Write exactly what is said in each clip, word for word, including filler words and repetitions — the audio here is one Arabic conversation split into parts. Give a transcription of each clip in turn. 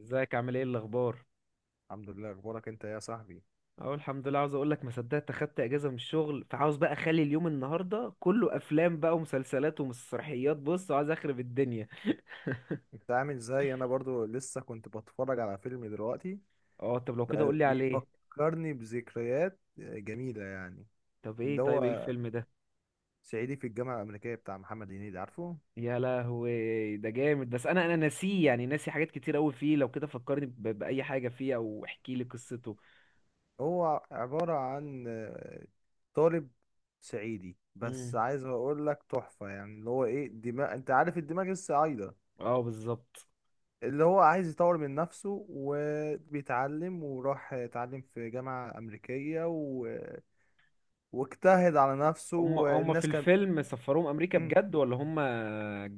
ازيك، عامل ايه، الاخبار؟ الحمد لله، اخبارك انت إيه يا صاحبي؟ اهو الحمد لله. عاوز اقول لك ما صدقت اخدت اجازه من الشغل، فعاوز بقى اخلي اليوم النهارده كله افلام بقى ومسلسلات ومسرحيات. بص، عايز اخرب الدنيا. انت عامل ازاي؟ انا برضو لسه كنت بتفرج على فيلم دلوقتي. اه طب لو كده قول بقى لي عليه. بيفكرني بذكريات جميلة يعني. طب ايه اللي طيب ايه هو الفيلم ده؟ صعيدي في الجامعة الأمريكية بتاع محمد هنيدي، عارفه؟ يا لهوي ده جامد. بس انا انا ناسيه، يعني ناسي حاجات كتير قوي فيه. لو كده فكرني ب- باي حاجه فيه او احكي لي قصته. هو عبارة عن آه، طالب صعيدي، بس امم. عايز اقول لك تحفة. يعني اللي هو ايه، دماغ، انت عارف الدماغ الصعايدة. اه بالظبط. اللي هو عايز يطور من نفسه وبيتعلم، وراح اتعلم في جامعة أمريكية، واجتهد على نفسه، هم هم في والناس كان. الفيلم سفروهم امريكا مم. بجد ولا هم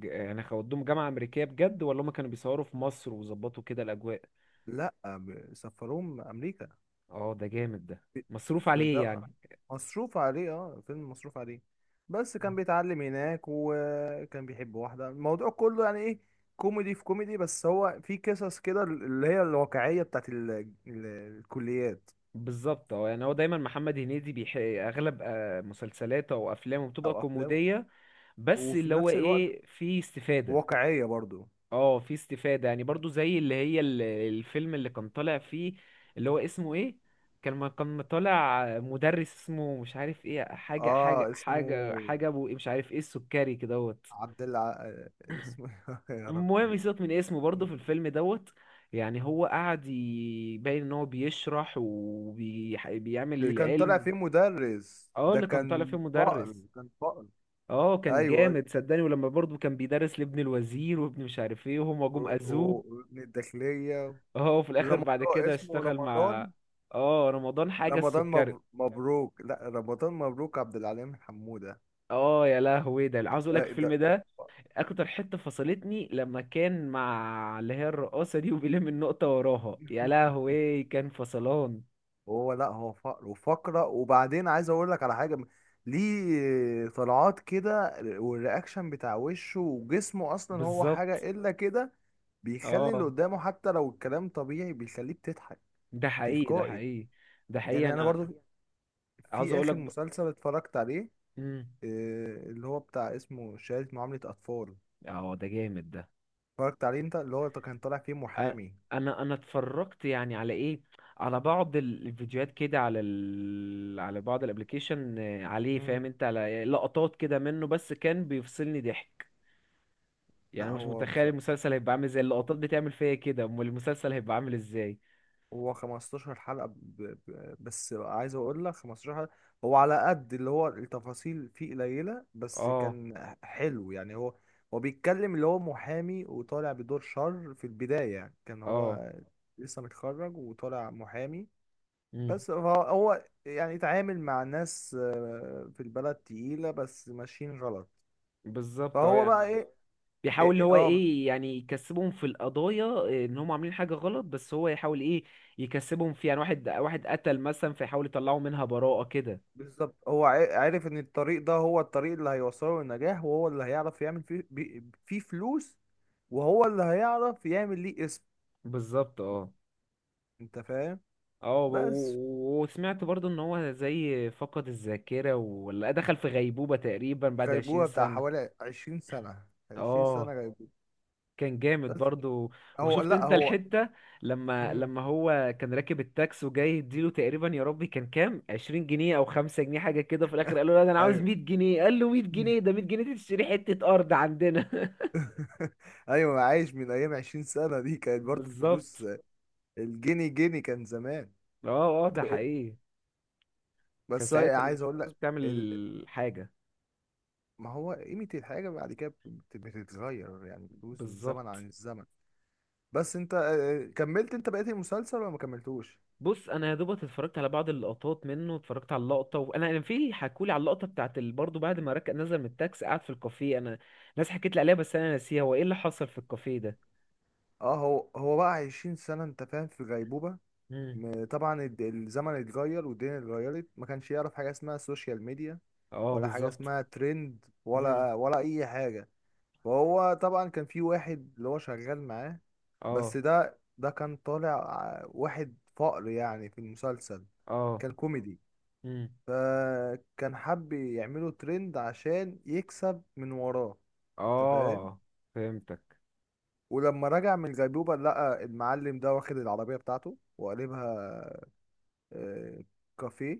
ج- يعني خدوهم جامعة امريكية بجد، ولا هم كانوا بيصوروا في مصر وظبطوا كده الاجواء؟ لا، ب- سفروه امريكا. اه ده جامد ده، مصروف في عليه ده، يعني. مصروف عليه، اه فيلم مصروف عليه. بس كان بيتعلم هناك وكان بيحب واحدة. الموضوع كله يعني ايه؟ كوميدي في كوميدي، بس هو في قصص كده اللي هي الواقعية بتاعت ال... ال... الكليات. بالظبط. اه يعني هو دايما محمد هنيدي بيح... اغلب آه، مسلسلاته او افلامه بتبقى او افلام، كوميديه، بس وفي اللي هو نفس الوقت ايه، في استفاده. واقعية برضو. اه في استفادة يعني، برضو زي اللي هي ال- الفيلم اللي كان طالع فيه، اللي هو اسمه ايه، كان ما كان طالع مدرس اسمه مش عارف ايه، حاجة حاجة اه، اسمه حاجة حاجة ابو إيه، مش عارف ايه، السكري كدهوت. عبد الع... آه، اسمه يا ربي. المهم سيبك من اسمه، برضو في الفيلم دوت، يعني هو قعد يبين ان هو بيشرح وبيعمل اللي كان طالع العلم. فيه مدرس، اه ده اللي كان طالع فيه كان فقر مدرس. كان فقر. اه كان ايوه، ايوه، جامد صدقني. ولما برضو كان بيدرس لابن الوزير وابن مش عارف ايه، وهما جم و- اذوه. و- وابن الداخلية. اه وفي الاخر بعد رمضان، كده اسمه اشتغل مع، رمضان. اه، رمضان حاجه رمضان السكري. مبر- مبروك. لا، رمضان مبروك عبد العليم حمودة. اه يا لهوي ده. عاوز اقول لك لا، الفيلم ده ده ده، فقر. اكتر حته فصلتني لما كان مع اللي هي الرقاصه دي وبيلم النقطه وراها، يا لهوي كان فصلان. هو، لا، هو فقر وفقرة. وبعدين عايز اقول لك على حاجة. ليه طلعات كده والرياكشن بتاع وشه وجسمه؟ اصلا هو بالظبط. حاجة الا كده. بيخلي اللي اه قدامه حتى لو الكلام طبيعي بيخليك تضحك. ده حقيقي، ده تلقائي حقيقي، ده حقيقي. يعني. انا انا برضو، عاوز في اقول لك اخر ب... مسلسل اتفرجت عليه، مم. آه، اللي هو بتاع اسمه شهادة معاملة اطفال. اه ده جامد ده. اتفرجت عليه انت؟ اللي هو كان طالع فيه انا محامي. انا أنا اتفرجت يعني على ايه، على بعض ال- الفيديوهات كده، على ال... على بعض الابليكيشن عليه، فاهم مم. انت، على لقطات كده منه، بس كان بيفصلني ضحك. يعني لا، أنا مش هو بص، متخيل المسلسل هيبقى عامل ازاي. اللقطات بتعمل فيا كده، امال المسلسل هيبقى عامل ازاي؟ هو خمس عشرة حلقة. ب... ب... بس عايز اقول لك خمس عشرة حلقة. هو على قد اللي هو التفاصيل فيه قليلة، بس اه، كان حلو يعني. هو هو بيتكلم اللي هو محامي وطالع بدور شر في البداية، يعني كان اه. هو لسه متخرج وطالع محامي. امم. بس هو هو يعني اتعامل مع ناس آه، في البلد تقيلة بس ماشيين غلط. بالظبط. اه فهو يعني بقى ايه؟ إيه- بيحاول اللي إيه، هو اه، ايه، يعني يكسبهم في القضايا. ان هم عاملين حاجه غلط، بس هو يحاول ايه، يكسبهم فيها، يعني واحد واحد قتل مثلا، فيحاول يطلعوا منها براءه كده. بالظبط. هو ع- عارف ان الطريق ده هو الطريق اللي هيوصله للنجاح، وهو اللي هيعرف يعمل فيه بي- فيه فلوس، وهو اللي هيعرف يعمل ليه اسم. بالظبط. اه، انت فاهم؟ اه، و- بس و- وسمعت برضو ان هو زي فقد الذاكرة ولا دخل في غيبوبة تقريبا بعد عشرين غيبوبة بتاع سنة حوالي عشرين سنة. عشرين سنة اه غيبوبة. كان جامد بس برضو. هو، وشفت لا، انت هو. الحتة، لما مم. لما هو كان راكب التاكس، وجاي يديله تقريبا، يا ربي كان كام، عشرين جنيه او خمسة جنيه حاجة كده، في الاخر قال له لا ده انا عاوز ايوه. مية جنيه. قال له مية جنيه؟ ده مية جنيه دي تشتري حتة ارض عندنا. ايوه، عايش من ايام. عشرين سنة دي كانت برضو الفلوس، بالظبط. الجنيه جنيه كان زمان. اه، اه، ده طب إيه- اه، حقيقي. كان بس أنا ساعتها عايز اقول الفلوس لك ال... بتعمل حاجة. ما هو قيمة الحاجة بعد كده بت- بتتغير، يعني فلوس الزمن بالظبط. عن الزمن. بس انت آه، آه، كملت انت بقيت المسلسل ولا ما كملتوش؟ بص انا يا دوبك اتفرجت على بعض اللقطات منه. اتفرجت على اللقطه، وانا انا في، حكولي على اللقطه بتاعت ال- برضه بعد ما ركب نزل من التاكسي قعد في الكافيه. انا ناس حكيت لي عليها، بس انا ناسيها، هو ايه اللي حصل في الكافيه ده. اه، هو هو بقى عشرين سنة، انت فاهم، في غيبوبة. امم. م- طبعا الد- الزمن اتغير والدنيا اتغيرت، ما كانش يعرف حاجة اسمها سوشيال ميديا، اه ولا حاجة بالظبط. اسمها ترند، امم. ولا ولا اي حاجة. وهو طبعا كان في واحد اللي هو شغال معاه. بس اه، ده ده كان طالع ع- واحد فقر يعني في المسلسل، اه. كان كوميدي. امم. فكان حب يعمله ترند عشان يكسب من وراه. انت فاهم؟ اه فهمتك. ولما رجع من الغيبوبة لقى المعلم ده واخد العربية بتاعته وقلبها آه، كافيه.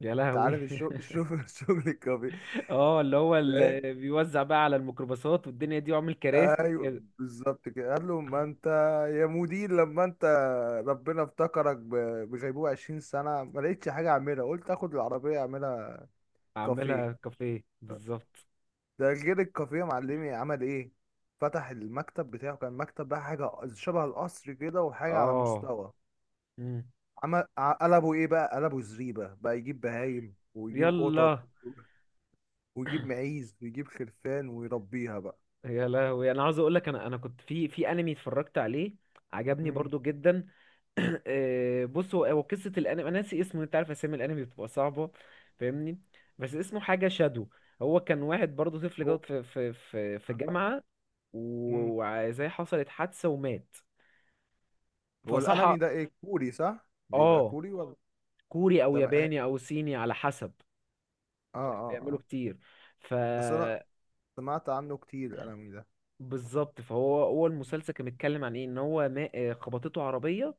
يا انت لهوي. عارف الشغل، الشغل الكافيه. اه اللي هو، اللي بيوزع بقى على الميكروباصات والدنيا دي، وعامل كراسي وكده. ايوه بالظبط. كده قال له، ما انت يا مدير لما انت ربنا افتكرك ب- بغيبوبة عشرين سنة، ما لقيتش حاجة اعملها، قلت اخد العربية اعملها عاملها كافيه. كافيه بالظبط. ده غير الكافيه، معلمي عمل ايه؟ فتح المكتب بتاعه، كان مكتب بقى حاجة شبه القصر كده، وحاجة على اه. مستوى. امم. عمل ع- قلبه ايه بقى؟ قلبه زريبة، بقى يجيب بهايم ويجيب قطط يلا. ويجيب معيز ويجيب خرفان ويربيها بقى. يا لهوي. انا عاوز اقول لك، انا انا كنت في في انمي اتفرجت عليه، عجبني مم. برضو جدا. آه، بص، هو هو قصه الانمي، انا ناسي اسمه، انت عارف اسامي الانمي بتبقى صعبه، فاهمني، بس اسمه حاجه شادو. هو كان واحد برضو، طفل هو. جوت في في في في جامعه، مم. و- وزي حصلت حادثه ومات، هو فصحى. الانمي ده ايه، كوري؟ صح؟ بيبقى اه، كوري ولا؟ كوري او تمام، اه. ياباني او صيني على حسب، اه، بيعملوا اه. كتير. ف بس انا سمعت عنه كتير الانمي ده. بالظبط. فهو هو المسلسل كان بيتكلم عن ايه، ان هو ما- آه، خبطته عربيه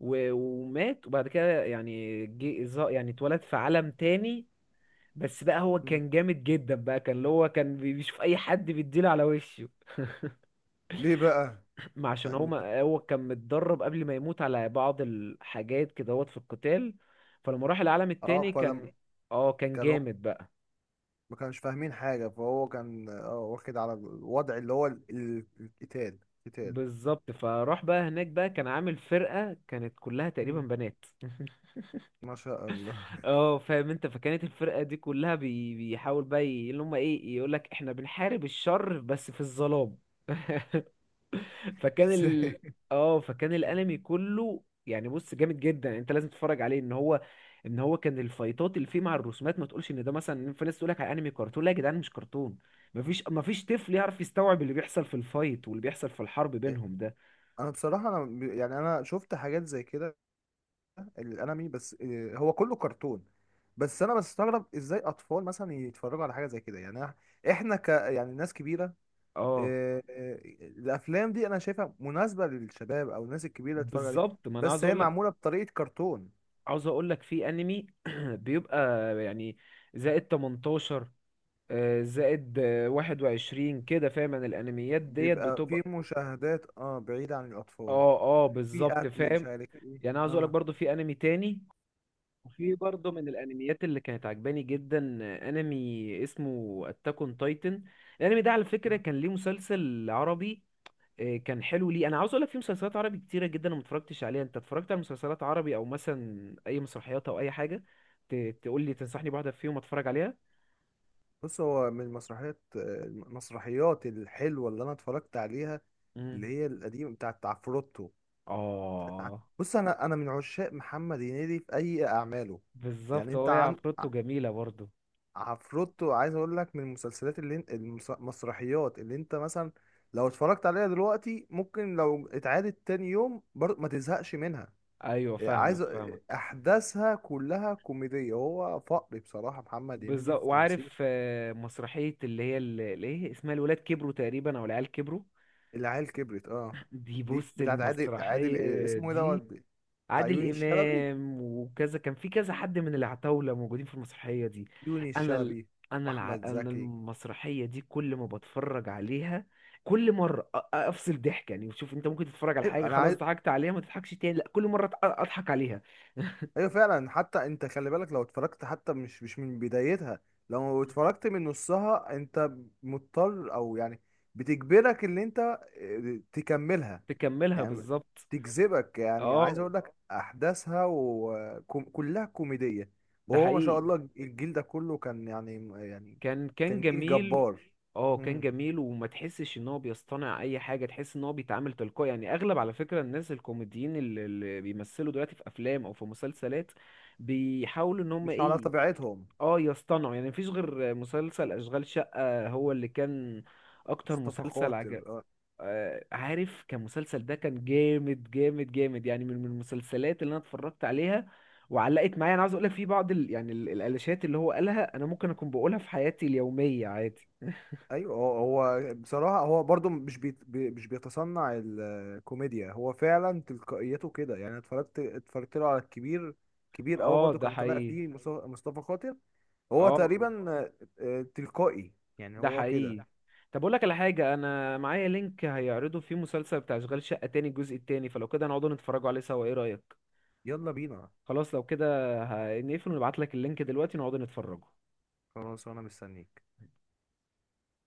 و- ومات، وبعد كده يعني جه، ظا- يعني اتولد في عالم تاني. بس بقى هو مم. كان جامد جدا بقى، كان اللي هو كان بي- بيشوف اي حد بيديله على وشه. ليه بقى؟ ما عشان هو، يعني- ما هو كان متدرب قبل ما يموت على بعض الحاجات كده، هوت في القتال. فلما راح العالم اه، التاني فلم. كان، اه كان كان هو جامد بقى. ما كانش فاهمين حاجة، فهو كان اه واخد على الوضع، اللي هو ال- ال- القتال. قتال. بالظبط. فراح بقى هناك بقى، كان عامل فرقة كانت كلها تقريبا مم. بنات. ما شاء الله. اه فاهم انت، فكانت الفرقة دي كلها بي... بيحاول بقى ي- اللي هم ايه، يقولك احنا بنحارب الشر بس في الظلام. فكان ال ازاي؟ اه فكان الانمي كله يعني، بص جامد جدا، انت لازم تتفرج عليه. ان هو، ان هو كان الفايتات اللي فيه مع الرسومات، ما تقولش ان ده مثلا، في ناس تقولك على انمي كرتون، لا يا جدعان مش كرتون. مفيش مفيش طفل يعرف يستوعب اللي بيحصل في الفايت واللي بيحصل في الحرب بينهم ده. انا بصراحة، انا ب- يعني انا شفت حاجات زي كده الانمي، بس آه، هو كله كرتون. بس انا بستغرب ازاي اطفال مثلا يتفرجوا على حاجة زي كده. يعني إح- احنا ك يعني ناس كبيرة. اه آه، آه، الافلام دي انا شايفها مناسبه للشباب او الناس الكبيره تتفرج عليها، بالظبط. ما انا عاوز بس هي اقول، معموله بطريقه كرتون. عاوز اقول لك في انمي بيبقى يعني زائد تمنتاشر، آه، زائد آه، واحد وعشرين كده، فاهم، انا الانميات ديت بيبقى في بتبقى. مشاهدات، اه بعيده عن الاطفال. اه، اه في بالظبط، قتل، مش فاهم. عارف ايه، يعني عاوز اقول لك اه. برضو في انمي تاني، وفي برضو من الانميات اللي كانت عجباني جدا، آه، انمي اسمه اتاك اون تايتن. الانمي ده على آه. فكرة كان ليه مسلسل عربي، إيه، كان حلو. ليه انا عاوز اقول لك، في مسلسلات عربي كتيره جدا أنا ما اتفرجتش عليها. انت اتفرجت على مسلسلات عربي، او مثلا اي مسرحيات او اي حاجه، ت- تقول لي تنصحني بواحده فيهم اتفرج عليها؟ بص، هو من المسرحيات، آه، المسرحيات الحلوه اللي انا اتفرجت عليها، امم. اللي هي القديمه بتاعت عفروتو. اه بص، انا انا من عشاق محمد هنيدي في اي اعماله. يعني بالظبط. هو انت هي عن... عفروتو جميله برضو. عفروتو، عايز اقول لك، من المسلسلات اللي انت المس- المسرحيات اللي انت مثلا لو اتفرجت عليها دلوقتي ممكن، لو اتعادت تاني يوم برضه ما تزهقش منها. ايوه إيه، فاهمك، عايز أ- فاهمك. احداثها كلها كوميدية. هو فقري بصراحة محمد هنيدي بالظبط. في تمثيل. وعارف آه، مسرحيه اللي هي ال- اللي ايه اسمها، الولاد كبروا تقريبا، او العيال كبروا، العيال كبرت، اه. دي دي بص بتاعت عادل، عادل المسرحيه إيه اسمه، ايه دوت؟ دي، بتاع عادل يوني الشلبي. امام وكذا، كان في كذا حد من العتاوله موجودين في المسرحيه دي. يوني انا ال... الشلبي انا الع... واحمد انا زكي. المسرحيه دي كل ما بتفرج عليها كل مره أ- أ- افصل ضحك يعني. وشوف انت ممكن تتفرج على إيه، حاجه انا خلاص عايز. ضحكت عليها ما تضحكش تاني، لا كل مره أت- اضحك عليها. ايوه فعلا، حتى انت خلي بالك، لو اتفرجت حتى مش مش من بدايتها، لو اتفرجت من نصها انت مضطر، او يعني بتجبرك ان انت آه، تكملها. تكملها يعني بالظبط. تجذبك، يعني اه عايز اقول لك احداثها وكلها كوميدية. ده وهو ما شاء حقيقي. الله الجيل ده كله كان يعني يعني، كان كان كان جيل جميل. جبار. اه كان مم. جميل، وما تحسش ان هو بيصطنع اي حاجه، تحس ان هو بيتعامل تلقائي، يعني اغلب، على فكره، الناس الكوميديين اللي, اللي بيمثلوا دلوقتي في افلام او في مسلسلات، بيحاولوا ان هم مش على ايه، طبيعتهم. اه يصطنعوا، يعني مفيش غير مسلسل اشغال شقه هو اللي كان اكتر مصطفى مسلسل عجب. خاطر. آه، عارف، كان مسلسل ده كان جامد جامد جامد، يعني من من المسلسلات اللي انا اتفرجت عليها وعلقت معايا. انا عاوز اقول لك في بعض ال... يعني ال- الالاشات اللي هو قالها انا ممكن اكون بقولها في حياتي اليوميه عادي. ايوه، هو هو بصراحه، هو برضو مش بيت بي مش بيتصنع الكوميديا. هو فعلا تلقائيته كده، يعني أنا اتفرجت اتفرجت له على الكبير. كبير قوي، اه برضو ده كان طالع حقيقي، فيه مص- مصطفى خاطر. هو اه تقريبا آه، آه، تلقائي، يعني ده هو كده. حقيقي. طب اقول لك على حاجه، انا معايا لينك هيعرضوا فيه مسلسل بتاع اشغال شقه تاني، الجزء التاني، فلو كده نقعدوا نتفرجوا عليه سوا، ايه رايك؟ يلا بينا. خلاص لو كده، ه- نقفل ونبعت لك اللينك دلوقتي نقعدوا نتفرجوا. خلاص، وانا مستنيك.